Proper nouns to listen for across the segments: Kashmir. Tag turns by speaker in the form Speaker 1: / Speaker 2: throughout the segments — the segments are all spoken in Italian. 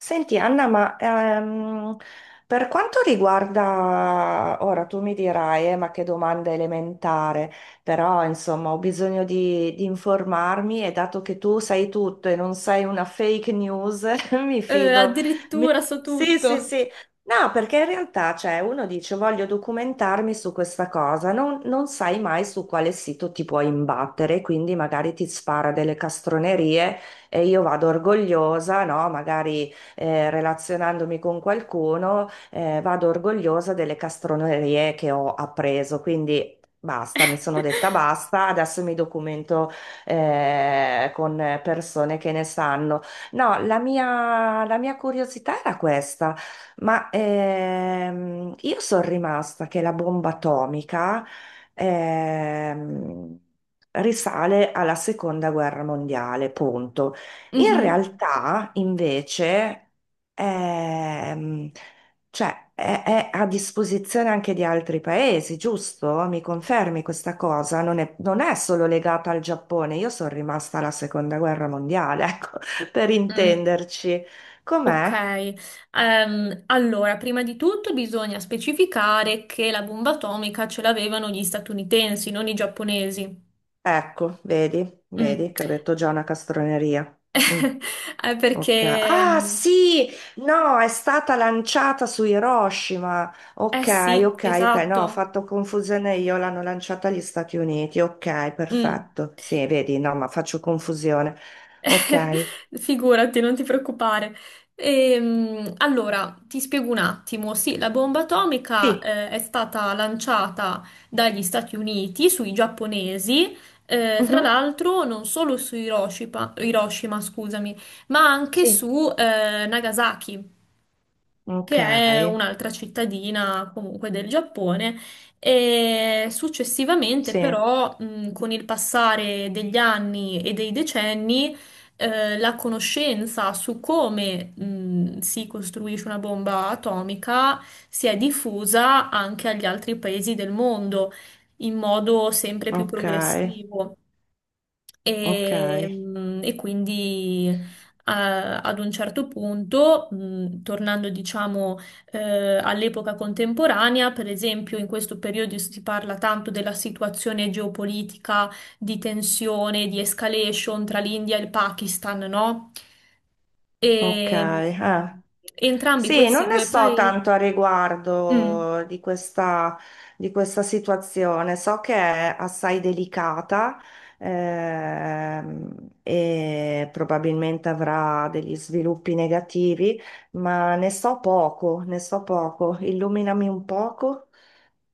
Speaker 1: Senti Anna, ma per quanto riguarda, ora tu mi dirai, ma che domanda elementare, però insomma ho bisogno di informarmi e dato che tu sai tutto e non sei una fake news, mi fido. Mi-
Speaker 2: Addirittura so
Speaker 1: Sì, sì,
Speaker 2: tutto.
Speaker 1: sì. No, perché in realtà, cioè, uno dice voglio documentarmi su questa cosa, non sai mai su quale sito ti puoi imbattere, quindi magari ti spara delle castronerie e io vado orgogliosa, no? Magari relazionandomi con qualcuno, vado orgogliosa delle castronerie che ho appreso. Quindi basta, mi sono detta basta, adesso mi documento con persone che ne sanno. No, la mia curiosità era questa, ma io sono rimasta che la bomba atomica ehm, risale alla seconda guerra mondiale, punto. In
Speaker 2: Mhm.
Speaker 1: realtà, invece, ehm, cioè, è a disposizione anche di altri paesi, giusto? Mi confermi questa cosa? Non è solo legata al Giappone. Io sono rimasta alla seconda guerra mondiale, ecco, per
Speaker 2: Mm.
Speaker 1: intenderci.
Speaker 2: Ok,
Speaker 1: Com'è?
Speaker 2: allora, prima di tutto bisogna specificare che la bomba atomica ce l'avevano gli statunitensi, non i giapponesi.
Speaker 1: Ecco, vedi,
Speaker 2: Mm.
Speaker 1: vedi che ho detto già una castroneria. Mm.
Speaker 2: Eh,
Speaker 1: Ok.
Speaker 2: perché,
Speaker 1: Ah
Speaker 2: mm,
Speaker 1: sì, no, è stata lanciata su Hiroshima.
Speaker 2: eh
Speaker 1: Ok,
Speaker 2: sì,
Speaker 1: ok, ok, no, ho
Speaker 2: esatto.
Speaker 1: fatto confusione io, l'hanno lanciata agli Stati Uniti. Ok,
Speaker 2: Mm.
Speaker 1: perfetto. Sì, vedi, no, ma faccio confusione. Ok.
Speaker 2: Figurati, non ti preoccupare. Allora, ti spiego un attimo. Sì, la bomba atomica,
Speaker 1: Sì.
Speaker 2: è stata lanciata dagli Stati Uniti sui giapponesi, tra
Speaker 1: Mhm.
Speaker 2: l'altro non solo su Hiroshima, Hiroshima, scusami, ma anche
Speaker 1: Sì.
Speaker 2: su Nagasaki, che
Speaker 1: Ok,
Speaker 2: è un'altra cittadina comunque del Giappone. E successivamente
Speaker 1: sì,
Speaker 2: però con il passare degli anni e dei decenni, la conoscenza su come si costruisce una bomba atomica si è diffusa anche agli altri paesi del mondo in modo sempre più
Speaker 1: ok,
Speaker 2: progressivo.
Speaker 1: ok,
Speaker 2: E quindi ad un certo punto, tornando diciamo all'epoca contemporanea. Per esempio, in questo periodo si parla tanto della situazione geopolitica di tensione, di escalation tra l'India e il Pakistan, no?
Speaker 1: ok.
Speaker 2: E
Speaker 1: Ah.
Speaker 2: mh, entrambi
Speaker 1: Sì, non
Speaker 2: questi
Speaker 1: ne
Speaker 2: due
Speaker 1: so
Speaker 2: paesi...
Speaker 1: tanto a
Speaker 2: Mm.
Speaker 1: riguardo di questa situazione, so che è assai delicata ehm, e probabilmente avrà degli sviluppi negativi, ma ne so poco, ne so poco. Illuminami un poco.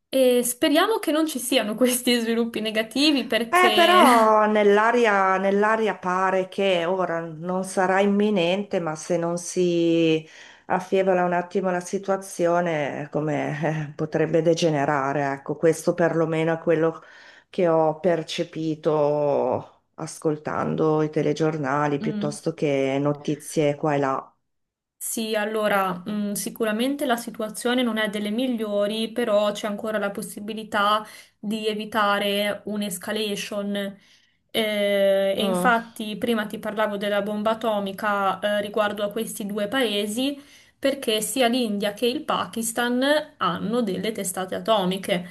Speaker 2: E speriamo che non ci siano questi sviluppi negativi perché...
Speaker 1: Però nell'aria pare che ora non sarà imminente, ma se non si affievola un attimo la situazione, come potrebbe degenerare, ecco, questo perlomeno è quello che ho percepito ascoltando i telegiornali
Speaker 2: Mm.
Speaker 1: piuttosto che notizie qua e là.
Speaker 2: Sì, allora, sicuramente la situazione non è delle migliori, però c'è ancora la possibilità di evitare un'escalation. E
Speaker 1: Mm.
Speaker 2: infatti prima ti parlavo della bomba atomica, riguardo a questi due paesi, perché sia l'India che il Pakistan hanno delle testate atomiche.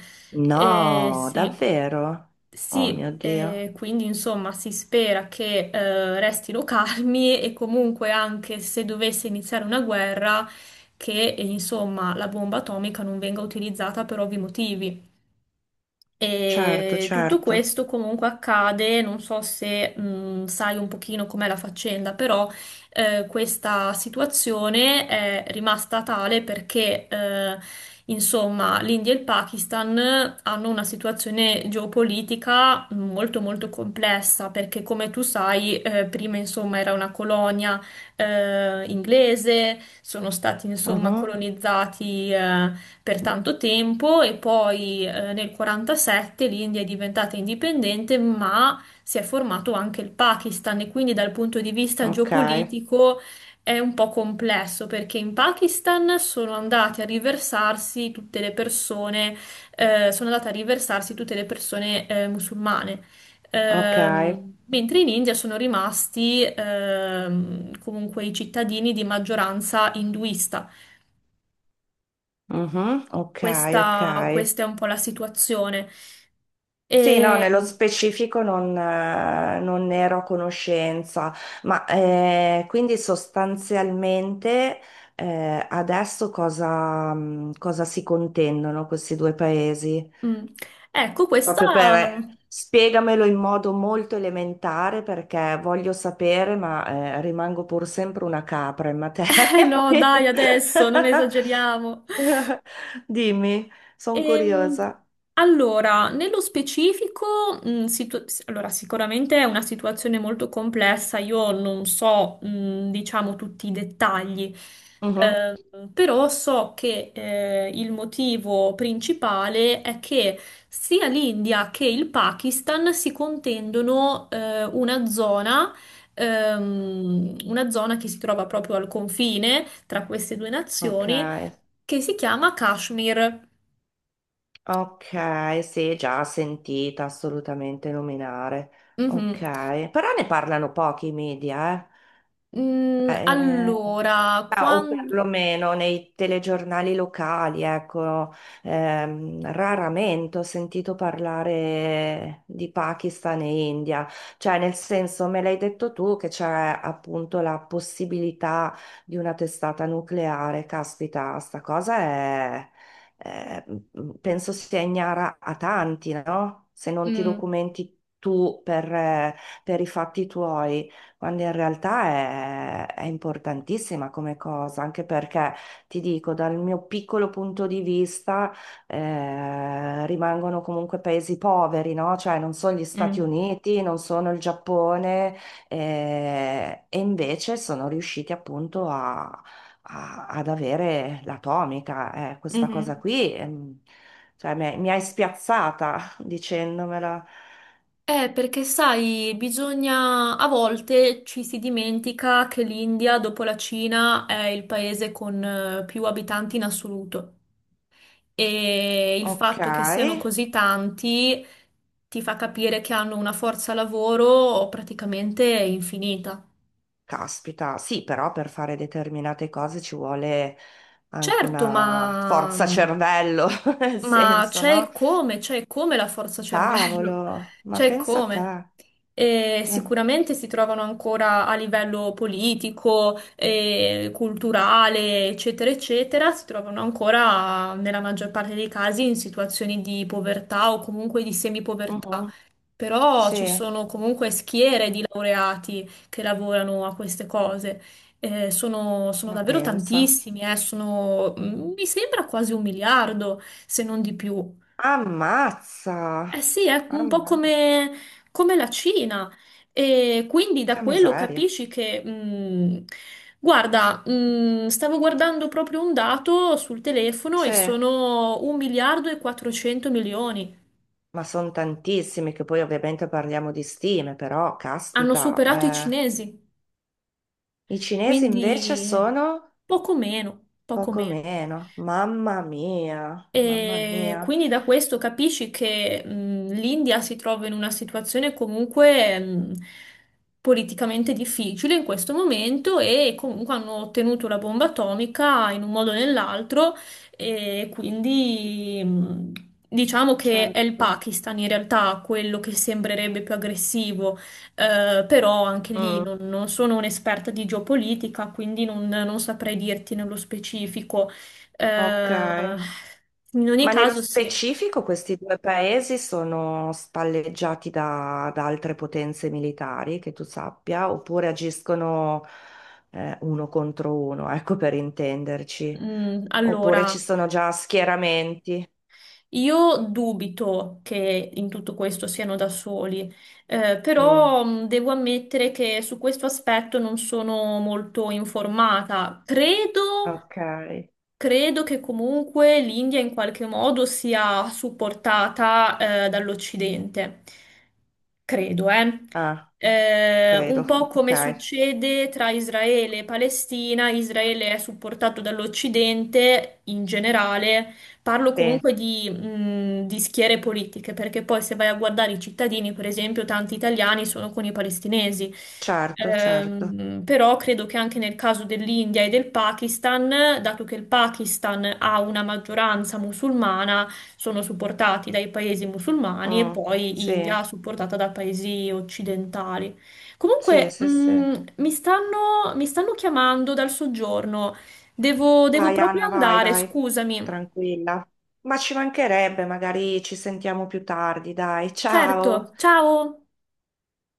Speaker 1: No,
Speaker 2: Sì.
Speaker 1: davvero? Oh mio
Speaker 2: Sì,
Speaker 1: Dio.
Speaker 2: quindi insomma si spera che restino calmi e comunque, anche se dovesse iniziare una guerra, che insomma la bomba atomica non venga utilizzata per ovvi motivi.
Speaker 1: Certo,
Speaker 2: E tutto
Speaker 1: certo.
Speaker 2: questo comunque accade, non so se sai un pochino com'è la faccenda, però questa situazione è rimasta tale perché insomma l'India e il Pakistan hanno una situazione geopolitica molto molto complessa, perché come tu sai prima insomma era una colonia inglese, sono stati insomma
Speaker 1: Mhm.
Speaker 2: colonizzati per tanto tempo. E poi nel '47 l'India è diventata indipendente, ma si è formato anche il Pakistan, e quindi dal punto di vista
Speaker 1: Ok,
Speaker 2: geopolitico è un po' complesso, perché in Pakistan sono andate a riversarsi tutte le persone musulmane.
Speaker 1: ok.
Speaker 2: Mentre in India sono rimasti comunque i cittadini di maggioranza induista.
Speaker 1: Mhm, ok, ok.
Speaker 2: Questa è un po' la situazione.
Speaker 1: Sì, no,
Speaker 2: E,
Speaker 1: nello specifico non, non ne ero a conoscenza, ma quindi sostanzialmente adesso cosa, cosa si contendono questi due paesi?
Speaker 2: mm, ecco, questa...
Speaker 1: Proprio per spiegamelo in modo molto elementare perché voglio sapere, ma rimango pur sempre una capra in
Speaker 2: Eh
Speaker 1: materia.
Speaker 2: no,
Speaker 1: quindi-
Speaker 2: dai, adesso non esageriamo.
Speaker 1: Dimmi, sono
Speaker 2: Ehm,
Speaker 1: curiosa.
Speaker 2: allora, nello specifico, allora, sicuramente è una situazione molto complessa, io non so, diciamo, tutti i dettagli, però so che il motivo principale è che sia l'India che il Pakistan si contendono una zona che si trova proprio al confine tra queste due
Speaker 1: Ok,
Speaker 2: nazioni, che si chiama Kashmir.
Speaker 1: ok, sì, già sentita assolutamente nominare.
Speaker 2: Mhm.
Speaker 1: Ok, però ne parlano pochi i media, eh.
Speaker 2: Mm,
Speaker 1: Eh,
Speaker 2: allora,
Speaker 1: ma- o
Speaker 2: quando...
Speaker 1: perlomeno nei telegiornali locali, ecco, raramente ho sentito parlare di Pakistan e India, cioè nel senso me l'hai detto tu che c'è appunto la possibilità di una testata nucleare, caspita, sta cosa è- mm, penso sia ignara a tanti, no? Se non ti
Speaker 2: Mm,
Speaker 1: documenti tu per i fatti tuoi quando in realtà è importantissima come cosa, anche perché ti dico, dal mio piccolo punto di vista, rimangono comunque paesi poveri, no? Cioè non sono gli Stati
Speaker 2: mm,
Speaker 1: Uniti, non sono il Giappone, e invece sono riusciti appunto a- a- ad avere l'atomica. Questa cosa
Speaker 2: mhm.
Speaker 1: qui, cioè, mi hai spiazzata dicendomela.
Speaker 2: Perché sai, bisogna... A volte ci si dimentica che l'India, dopo la Cina, è il paese con più abitanti in assoluto. E il
Speaker 1: Ok.
Speaker 2: fatto che siano così tanti ti fa capire che hanno una forza lavoro praticamente infinita.
Speaker 1: Caspita, sì, però per fare determinate cose ci vuole anche
Speaker 2: Certo,
Speaker 1: una forza cervello, nel
Speaker 2: ma
Speaker 1: senso, no?
Speaker 2: c'è il come la forza
Speaker 1: Cavolo,
Speaker 2: cervello,
Speaker 1: ma
Speaker 2: c'è il
Speaker 1: pensa a te.
Speaker 2: come. E
Speaker 1: Mm,
Speaker 2: sicuramente si trovano ancora a livello politico, culturale, eccetera, eccetera, si trovano ancora nella maggior parte dei casi in situazioni di povertà o comunque di semipovertà.
Speaker 1: mhm,
Speaker 2: Però ci
Speaker 1: Sì,
Speaker 2: sono comunque schiere di laureati che lavorano a queste cose. Sono
Speaker 1: ma
Speaker 2: davvero
Speaker 1: pensa.
Speaker 2: tantissimi, mi sembra quasi un miliardo, se non di più.
Speaker 1: Ammazza!
Speaker 2: Eh sì, è un po'
Speaker 1: Ammazza,
Speaker 2: come la Cina. E quindi da
Speaker 1: che
Speaker 2: quello
Speaker 1: miseria.
Speaker 2: capisci che, guarda, stavo guardando proprio un dato sul telefono,
Speaker 1: Sì,
Speaker 2: e sono un miliardo e 400 milioni.
Speaker 1: ma sono tantissimi che poi ovviamente parliamo di stime, però
Speaker 2: Hanno
Speaker 1: caspita,
Speaker 2: superato i
Speaker 1: eh.
Speaker 2: cinesi.
Speaker 1: I cinesi invece
Speaker 2: Quindi
Speaker 1: sono
Speaker 2: poco meno, poco
Speaker 1: poco
Speaker 2: meno.
Speaker 1: meno. Mamma mia, mamma
Speaker 2: E
Speaker 1: mia.
Speaker 2: quindi da questo capisci che l'India si trova in una situazione comunque politicamente difficile in questo momento, e comunque hanno ottenuto la bomba atomica in un modo o nell'altro, e quindi diciamo che è il
Speaker 1: Certo.
Speaker 2: Pakistan in realtà quello che sembrerebbe più aggressivo, però anche lì
Speaker 1: Mm.
Speaker 2: non sono un'esperta di geopolitica, quindi non saprei dirti nello specifico.
Speaker 1: Ok.
Speaker 2: Eh, in ogni
Speaker 1: Ma nello
Speaker 2: caso, sì.
Speaker 1: specifico questi due paesi sono spalleggiati da altre potenze militari, che tu sappia, oppure agiscono uno contro uno, ecco per intenderci.
Speaker 2: Mm,
Speaker 1: Oppure
Speaker 2: allora,
Speaker 1: ci sono già schieramenti.
Speaker 2: io dubito che in tutto questo siano da soli,
Speaker 1: Mm,
Speaker 2: però devo ammettere che su questo aspetto non sono molto informata. Credo.
Speaker 1: ok.
Speaker 2: Credo che comunque l'India in qualche modo sia supportata dall'Occidente. Credo, eh.
Speaker 1: Ah,
Speaker 2: Un
Speaker 1: credo.
Speaker 2: po'
Speaker 1: Ok.
Speaker 2: come succede tra Israele e Palestina, Israele è supportato dall'Occidente in generale, parlo
Speaker 1: Sì,
Speaker 2: comunque di schiere politiche, perché poi se vai a guardare i cittadini, per esempio, tanti italiani sono con i palestinesi.
Speaker 1: certo, certo.
Speaker 2: Però credo che anche nel caso dell'India e del Pakistan, dato che il Pakistan ha una maggioranza musulmana, sono supportati dai paesi musulmani, e
Speaker 1: Mm,
Speaker 2: poi
Speaker 1: sì,
Speaker 2: India supportata da paesi occidentali.
Speaker 1: sì,
Speaker 2: Comunque,
Speaker 1: sì, sì.
Speaker 2: mi stanno chiamando dal soggiorno. Devo
Speaker 1: Vai
Speaker 2: proprio
Speaker 1: Anna, vai,
Speaker 2: andare,
Speaker 1: vai,
Speaker 2: scusami.
Speaker 1: tranquilla. Ma ci mancherebbe, magari ci sentiamo più tardi, dai,
Speaker 2: Certo,
Speaker 1: ciao.
Speaker 2: ciao!